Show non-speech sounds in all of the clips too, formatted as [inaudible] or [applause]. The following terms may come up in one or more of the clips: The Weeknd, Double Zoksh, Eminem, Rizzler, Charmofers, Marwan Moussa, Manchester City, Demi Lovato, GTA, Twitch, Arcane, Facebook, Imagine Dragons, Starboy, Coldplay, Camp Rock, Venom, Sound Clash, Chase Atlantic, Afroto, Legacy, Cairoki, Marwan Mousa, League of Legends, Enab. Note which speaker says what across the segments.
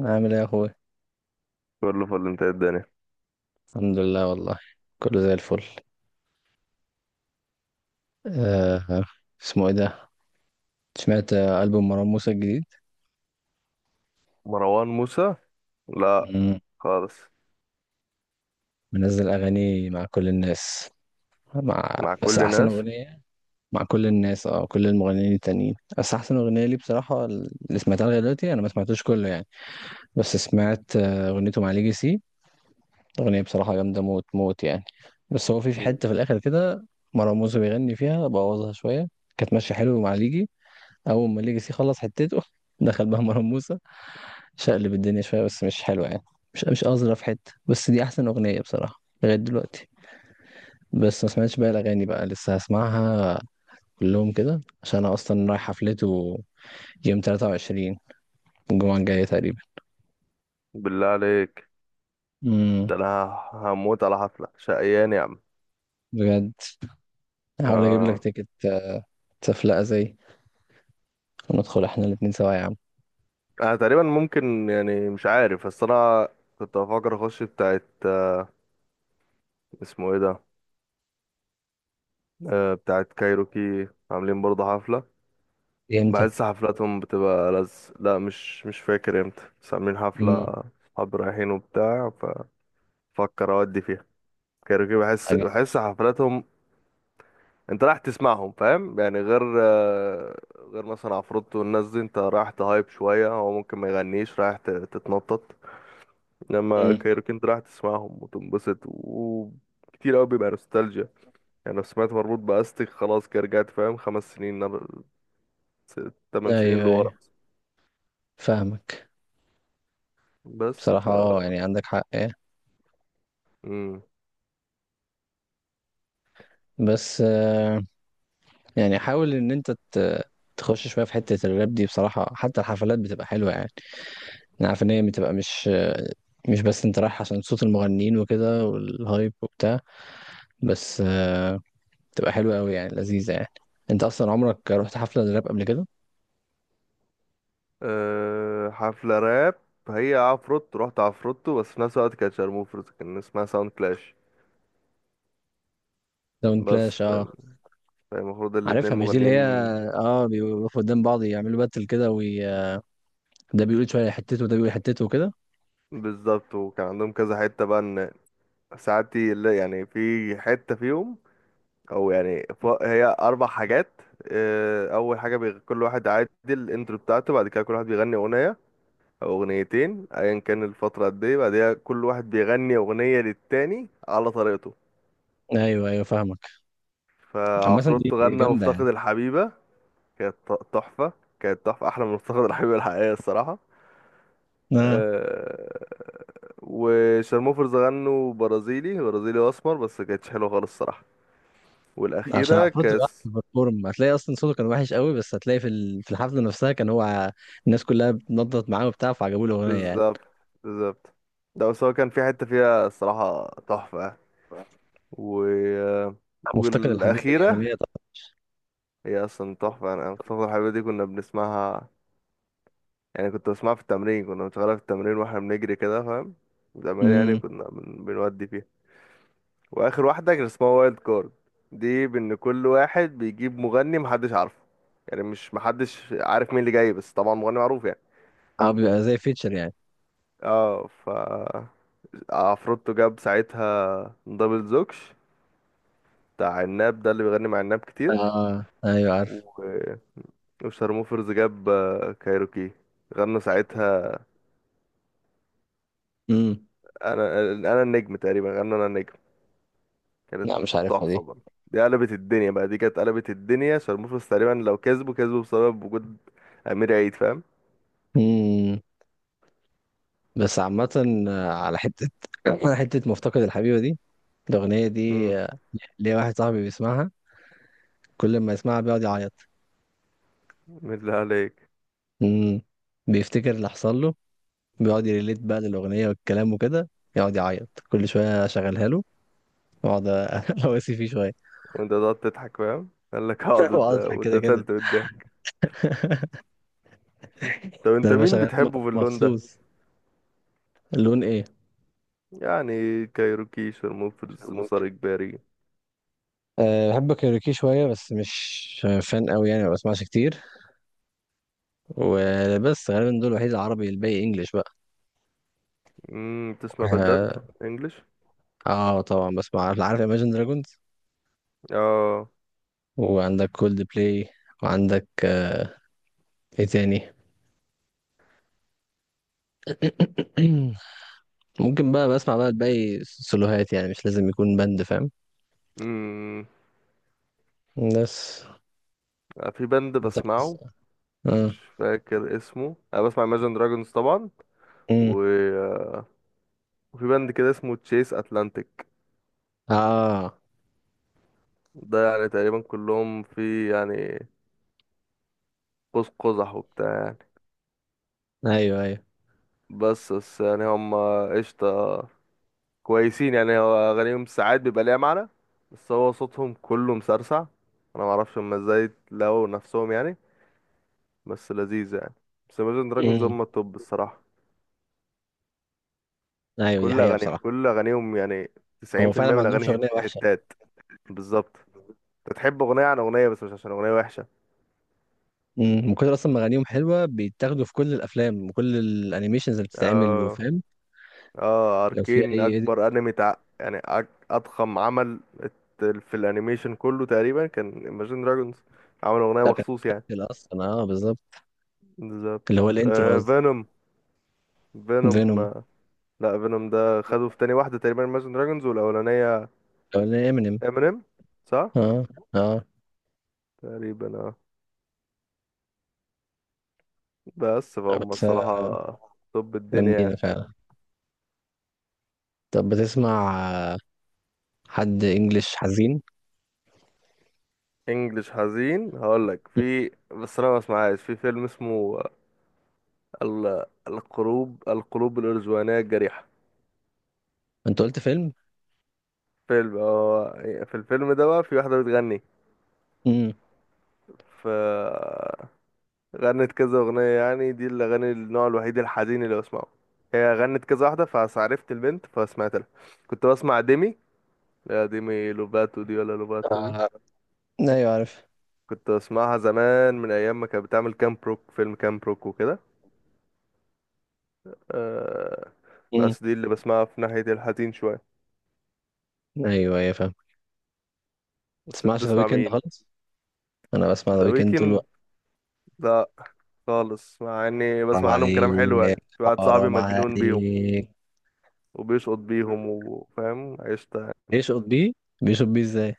Speaker 1: عامل ايه يا اخوي؟
Speaker 2: كله فل. انت ايه الدنيا؟
Speaker 1: الحمد لله والله. كله زي الفل. آه اسمه ايه ده؟ سمعت ألبوم مروان موسى الجديد.
Speaker 2: مروان موسى، لا
Speaker 1: مم.
Speaker 2: خالص.
Speaker 1: منزل اغاني مع كل الناس. مع
Speaker 2: مع
Speaker 1: بس
Speaker 2: كل
Speaker 1: احسن
Speaker 2: الناس.
Speaker 1: اغنيه مع كل الناس، اه كل المغنيين التانيين، بس احسن اغنيه لي بصراحه اللي سمعتها لغايه دلوقتي، انا ما سمعتوش كله يعني. بس سمعت اغنيته مع ليجاسي. اغنيه بصراحه جامده موت موت يعني. بس هو في
Speaker 2: مم.
Speaker 1: حته في الاخر كده. مروان موسى بيغني فيها بوظها شويه. كانت ماشيه حلو مع ليجي. اول ما ليجاسي خلص حتته، دخل بقى مروان موسى شقلب الدنيا شويه بس مش حلوه يعني. مش اظرف حته، بس دي احسن اغنيه بصراحه لغايه دلوقتي. بس ما سمعتش بقى الاغاني بقى، لسه هسمعها كلهم كده عشان انا اصلا رايح حفلته يوم 23، الجمعه الجايه تقريبا.
Speaker 2: بالله عليك،
Speaker 1: امم.
Speaker 2: ده انا هموت على حفلة شقيان يا عم.
Speaker 1: بجد، هحاول اجيب لك
Speaker 2: آه.
Speaker 1: تيكت. تفلقه زي، وندخل احنا الاتنين سوا يا عم.
Speaker 2: انا تقريبا ممكن يعني، مش عارف بس انا كنت بفكر اخش بتاعت اسمه ايه ده، آه بتاعت كايروكي، عاملين برضه حفلة.
Speaker 1: امتى؟
Speaker 2: بحس حفلاتهم بتبقى لا مش فاكر امتى، بس عاملين حفلة.
Speaker 1: امم.
Speaker 2: صحابي رايحين وبتاع، ففكر اودي فيها. كايروكي، بحس
Speaker 1: حاجه.
Speaker 2: بحس حفلاتهم. انت رايح تسمعهم فاهم يعني، غير غير مثلا عفروتو والناس دي، انت رايح تهايب شوية، هو ممكن ما يغنيش، رايح تتنطط. انما
Speaker 1: امم.
Speaker 2: كايروكي انت رايح تسمعهم وتنبسط، وكتير قوي بيبقى نوستالجيا. يعني لو سمعت مربوط بأستك، خلاص كده رجعت فاهم 5 سنين 8 سنين
Speaker 1: ايوه،
Speaker 2: لورا.
Speaker 1: ايوه فاهمك.
Speaker 2: بس
Speaker 1: بصراحه اه يعني عندك حق آه.
Speaker 2: مم.
Speaker 1: بس يعني حاول ان انت تخش شويه في حته الراب دي بصراحه، حتى الحفلات بتبقى حلوه يعني. انا عارف ان هي بتبقى مش بس انت رايح عشان صوت المغنيين وكده والهايب وبتاع. بس بتبقى حلوه قوي يعني، لذيذه يعني. انت اصلا عمرك رحت حفله راب قبل كده؟
Speaker 2: أه حفلة راب، هي عفروتو، رحت عفروتو بس في نفس الوقت كانت شارموفرز، كان اسمها ساوند كلاش.
Speaker 1: داون
Speaker 2: بس
Speaker 1: كلاش، اه
Speaker 2: فالمفروض الاتنين
Speaker 1: عارفها، مش دي اللي هي
Speaker 2: مغنيين.
Speaker 1: اه بيقفوا قدام بعض يعملوا باتل كده، وده بيقول شويه حتته وده بيقول حتته وكده.
Speaker 2: بالظبط، وكان عندهم كذا حتة بقى ان ساعات يعني في حتة فيهم، او يعني هي 4 حاجات. آه، اول حاجة كل واحد عادي الانترو بتاعته. بعد كده كل واحد بيغني اغنية او اغنيتين، ايا كان الفترة قد ايه. بعدها كل واحد بيغني اغنية للتاني على طريقته.
Speaker 1: ايوه، ايوه فاهمك. عامه دي
Speaker 2: فعفروتو غنى
Speaker 1: جامده
Speaker 2: مفتقد
Speaker 1: يعني.
Speaker 2: الحبيبة، كانت تحفة. كانت تحفة احلى من مفتقد الحبيبة الحقيقية الصراحة.
Speaker 1: آه.
Speaker 2: آه، وشارموفرز غنوا برازيلي برازيلي واسمر، بس كانتش حلوة خالص الصراحة.
Speaker 1: عشان
Speaker 2: والأخيرة
Speaker 1: المفروض تبقى
Speaker 2: كاس.
Speaker 1: أحسن بيرفورم، هتلاقي اصلا صوته كان وحش قوي، بس هتلاقي في في الحفله نفسها كان هو. الناس كلها بتنضت معاه وبتاع، فعجبوه الاغنيه يعني.
Speaker 2: بالظبط، بالظبط. ده بس هو كان في حتة فيها الصراحة تحفة. و...
Speaker 1: مفتقد الحبيبه دي
Speaker 2: والأخيرة،
Speaker 1: اغنيه طبعا.
Speaker 2: هي أصلا تحفة. أنا فاكر الحلوة دي كنا بنسمعها، يعني كنت بسمعها في التمرين، كنا بنشغلها في التمرين واحنا بنجري كده فاهم. زمان يعني
Speaker 1: امم.
Speaker 2: كنا بنودي فيها. وآخر واحدة كان اسمها وايلد كارد، دي بإن كل واحد بيجيب مغني محدش عارفه. يعني مش محدش عارف مين اللي جاي، بس طبعا مغني معروف يعني.
Speaker 1: اه بيبقى زي فيتشر يعني.
Speaker 2: اه، عفروتو جاب ساعتها دبل زوكش، بتاع عناب، ده اللي بيغني مع عناب كتير.
Speaker 1: اه ايوه عارف.
Speaker 2: و- وشارموفرز جاب كايروكي، غنوا ساعتها
Speaker 1: امم.
Speaker 2: انا انا النجم تقريبا، غنوا انا النجم. كانت
Speaker 1: لا مش عارفها
Speaker 2: تحفة
Speaker 1: دي.
Speaker 2: برضه. دي قلبت الدنيا بقى، دي كانت قلبت الدنيا. شارموفرز تقريبا لو كسبوا، كسبوا بسبب وجود امير عيد فاهم.
Speaker 1: امم. بس عامه على حته [coughs] [clears throat] على حته مفتقد الحبيبه دي، الاغنيه
Speaker 2: امم.
Speaker 1: دي. ليا واحد صاحبي بيسمعها كل ما يسمعها بيقعد يعيط.
Speaker 2: بالله عليك.
Speaker 1: امم. بيفتكر اللي حصل له، بيقعد يريليت بقى للأغنية والكلام وكده، يقعد يعيط كل شوية، أشغلها له وأقعد [laughs] أواسي فيه شوية.
Speaker 2: وانت تقعد تضحك فاهم، قال لك
Speaker 1: [laughs]
Speaker 2: اقعد
Speaker 1: وأقعد أضحك كده كده.
Speaker 2: واتقتلت قدامك. [laughs] طب
Speaker 1: ده
Speaker 2: انت
Speaker 1: أنا
Speaker 2: مين
Speaker 1: بشغل
Speaker 2: بتحبه في اللون ده؟
Speaker 1: مخصوص. لون إيه؟
Speaker 2: يعني كايروكي، شرموفرز،
Speaker 1: ممكن.
Speaker 2: مسار اجباري.
Speaker 1: أه بحب كايروكي شوية بس مش فان قوي يعني، ما بسمعش كتير. وبس غالبا دول الوحيد العربي، الباقي انجلش بقى.
Speaker 2: امم. تسمع بندات
Speaker 1: اه
Speaker 2: انجلش؟
Speaker 1: طبعا بسمع، عارف عارف Imagine Dragons.
Speaker 2: اه.
Speaker 1: وعندك كولد بلاي، وعندك ايه تاني؟ [clears throat] ممكن بقى بسمع بقى الباقي سولوهات، يعني مش لازم يكون بند فاهم.
Speaker 2: امم.
Speaker 1: بس
Speaker 2: في بند
Speaker 1: انت بس.
Speaker 2: بسمعه
Speaker 1: امم.
Speaker 2: مش فاكر اسمه، انا بسمع Imagine Dragons طبعا،
Speaker 1: امم.
Speaker 2: و... وفي بند كده اسمه تشيس اتلانتيك.
Speaker 1: اه،
Speaker 2: ده يعني تقريبا كلهم في يعني قوس قزح وبتاع يعني.
Speaker 1: ايوه ايوه.
Speaker 2: بس يعني هم قشطة، كويسين يعني. هو أغانيهم ساعات بيبقى ليها معنى، بس هو صوتهم كله مسرسع. أنا معرفش هما ازاي لقوا نفسهم يعني، بس لذيذ يعني. بس Imagine Dragons
Speaker 1: امم.
Speaker 2: هم التوب الصراحة.
Speaker 1: ايوه دي
Speaker 2: كل
Speaker 1: حقيقة
Speaker 2: أغانيهم،
Speaker 1: بصراحة.
Speaker 2: كل أغانيهم يعني، تسعين
Speaker 1: هو
Speaker 2: في
Speaker 1: فعلا
Speaker 2: المية
Speaker 1: ما
Speaker 2: من
Speaker 1: عندهمش
Speaker 2: الأغاني
Speaker 1: أغنية وحشة.
Speaker 2: هتات. بالظبط. أنت تحب أغنية عن أغنية، بس مش عشان أغنية وحشة.
Speaker 1: امم. من كتر اصلا ما اغانيهم حلوة بيتاخدوا في كل الافلام وكل الانيميشنز اللي بتتعمل
Speaker 2: اه
Speaker 1: وفاهم.
Speaker 2: اه،
Speaker 1: لو في
Speaker 2: أركين
Speaker 1: اي
Speaker 2: أكبر
Speaker 1: edit،
Speaker 2: أنمي يعني أضخم عمل في الأنيميشن كله تقريبا، كان Imagine Dragons عمل أغنية
Speaker 1: ده كان
Speaker 2: مخصوص يعني.
Speaker 1: متسجل اصلا، اه بالظبط.
Speaker 2: بالظبط.
Speaker 1: اللي هو الانترو
Speaker 2: آه
Speaker 1: قصدي.
Speaker 2: فينوم، فينوم.
Speaker 1: فينوم.
Speaker 2: آه، لا فينوم ده خده في تاني واحدة تقريبا Imagine Dragons، والأولانية
Speaker 1: او امينيم.
Speaker 2: Eminem صح؟
Speaker 1: اه. اه.
Speaker 2: تقريبا اه، بس فهم
Speaker 1: بس
Speaker 2: الصراحة. طب الدنيا يعني.
Speaker 1: جامدين فعلا. طب بتسمع آه، حد انجلش حزين؟
Speaker 2: انجلش حزين هقولك في. بس انا ما اسمعهاش، في فيلم اسمه القلوب، الارزوانية الجريحة.
Speaker 1: انت قلت فيلم؟
Speaker 2: فيلم هو، في الفيلم ده بقى في واحدة بتغني،
Speaker 1: امم.
Speaker 2: ف غنت كذا اغنية. يعني دي الاغاني، النوع الوحيد الحزين اللي بسمعه. هي غنت كذا واحدة، فعرفت البنت فسمعت لها. كنت بسمع ديمي، لا ديمي لوباتو دي ولا لوباتو دي.
Speaker 1: آه. ايوه عارف.
Speaker 2: كنت بسمعها زمان من ايام ما كانت بتعمل كام بروك، فيلم كام بروك وكده. آه. بس دي اللي بسمعها في ناحية الحزين شوية.
Speaker 1: ايوه ايوه فاهم.
Speaker 2: بس انت
Speaker 1: تسمعش ذا
Speaker 2: بتسمع
Speaker 1: ويكند
Speaker 2: مين؟
Speaker 1: خالص؟ انا بسمع ذا
Speaker 2: ذا
Speaker 1: ويكند طول
Speaker 2: ويكند؟
Speaker 1: الوقت.
Speaker 2: لا، خالص. مع اني
Speaker 1: حرام
Speaker 2: بسمع عنهم كلام حلو،
Speaker 1: عليك،
Speaker 2: يعني في واحد صاحبي
Speaker 1: حرام
Speaker 2: مجنون بيهم
Speaker 1: عليك.
Speaker 2: وبيشقط بيهم وفاهم عشت يعني.
Speaker 1: بيشقط بيه، بيشقط بيه ازاي؟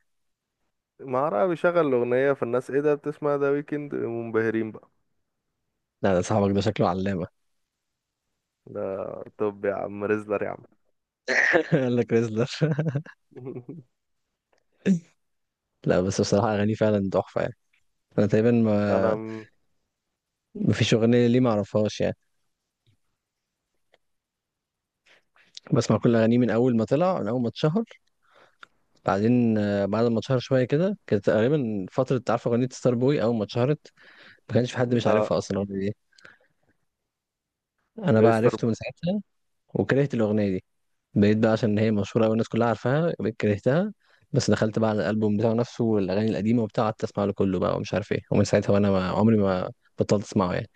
Speaker 2: ما أعرف، بيشغل الأغنية فالناس ايه ده بتسمع ذا ويكند، منبهرين بقى.
Speaker 1: لا ده صاحبك ده شكله علامة.
Speaker 2: ده طب يا عم ريزلر يا عم.
Speaker 1: [laughs] قال لك ريزلر.
Speaker 2: [laughs]
Speaker 1: [laughs] لا بس بصراحة أغانيه فعلا تحفة يعني. أنا تقريبا
Speaker 2: انا
Speaker 1: ما،
Speaker 2: م-
Speaker 1: مفيش أغنية ليه معرفهاش يعني. بسمع كل أغانيه من أول ما طلع، من أول ما اتشهر. بعدين بعد ما اتشهر شوية كده، كانت تقريبا فترة عارفة أغنية ستار بوي أول ما اتشهرت، ما كانش في حد مش
Speaker 2: لا
Speaker 1: عارفها أصلا الأغنية دي. أنا بقى
Speaker 2: ليستر.
Speaker 1: عرفته من ساعتها وكرهت الأغنية دي. بقيت بقى عشان هي مشهورة أوي، الناس كلها عارفاها، بقيت كرهتها. بس دخلت بقى على الألبوم بتاعه نفسه والأغاني القديمة وبتاع، قعدت أسمع له كله بقى، ومش عارف إيه، ومن ساعتها وأنا ما عمري ما بطلت أسمعه يعني.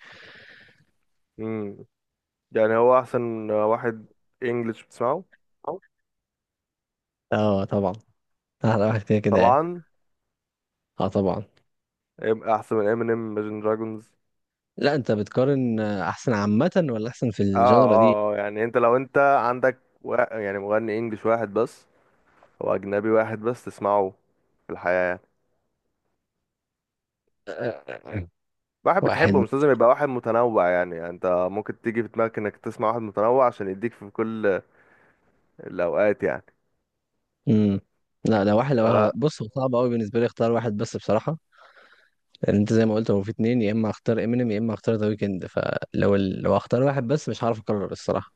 Speaker 2: امم. يعني هو احسن واحد انجلش بتسمعه؟
Speaker 1: أو- أه طبعا. أحلى واحد كده كده يعني.
Speaker 2: طبعا.
Speaker 1: أه طبعا.
Speaker 2: هيبقى احسن من امينيم، Imagine دراجونز؟
Speaker 1: لا أنت بتقارن أحسن عامة ولا أحسن في
Speaker 2: اه
Speaker 1: الجانرا دي؟
Speaker 2: اه، آه، يعني انت لو انت عندك يعني مغني انجليش واحد بس او اجنبي واحد بس تسمعه في الحياة يعني.
Speaker 1: [clears throat] آه،
Speaker 2: واحد بتحبه
Speaker 1: واحد.
Speaker 2: مش لازم يبقى واحد متنوع يعني، يعني انت ممكن تيجي في دماغك انك تسمع واحد متنوع عشان يديك في كل الاوقات يعني.
Speaker 1: امم. لا لا، واحد لو
Speaker 2: فلا.
Speaker 1: بص، هو صعب قوي بالنسبه لي اختار واحد بس بصراحه. لان انت زي ما قلت هو في اتنين، يا اما اختار امينيم يا اما اختار ذا ويكند، لو اختار واحد بس مش هعرف اقرر الصراحه.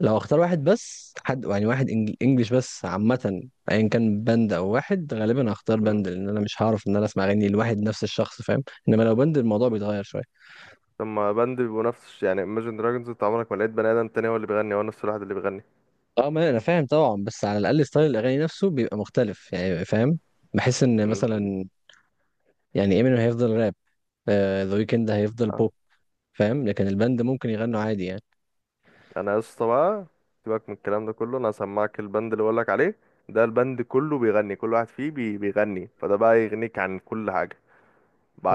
Speaker 1: لو اختار واحد بس، حد يعني واحد انجليش بس عامة، ايا كان باند او واحد، غالبا هختار
Speaker 2: مم.
Speaker 1: باند لان انا مش هعرف ان انا اسمع اغاني لواحد نفس الشخص فاهم. انما لو باند الموضوع بيتغير شوية.
Speaker 2: لما باند بيبقوا نفس، يعني Imagine Dragons انت عمرك ما لقيت بني ادم تاني هو اللي بيغني، هو نفس الواحد اللي بيغني.
Speaker 1: اه ما انا فاهم طبعا، بس على الاقل ستايل الاغاني نفسه بيبقى مختلف يعني فاهم. بحس ان مثلا، يعني امينيم هيفضل راب، ذا ويكند هيفضل
Speaker 2: مم.
Speaker 1: بوب، فاهم. لكن الباند ممكن يغنوا عادي يعني.
Speaker 2: انا يا اسطى بقى، سيبك من الكلام ده كله، انا هسمعك البند اللي بقولك عليه. ده البند كله بيغني، كل واحد فيه بيغني، فده بقى يغنيك عن كل حاجه.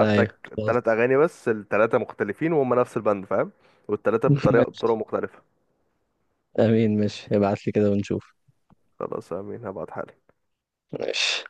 Speaker 1: ايوه.
Speaker 2: تلات
Speaker 1: خلاص.
Speaker 2: اغاني بس التلاتة مختلفين وهم نفس البند فاهم. والتلاتة
Speaker 1: [laughs]
Speaker 2: بطريقه، بطرق
Speaker 1: ماشي.
Speaker 2: مختلفه.
Speaker 1: امين، ماشي، ابعت لي كده ونشوف.
Speaker 2: خلاص امين هبعت حاجة.
Speaker 1: ماشي.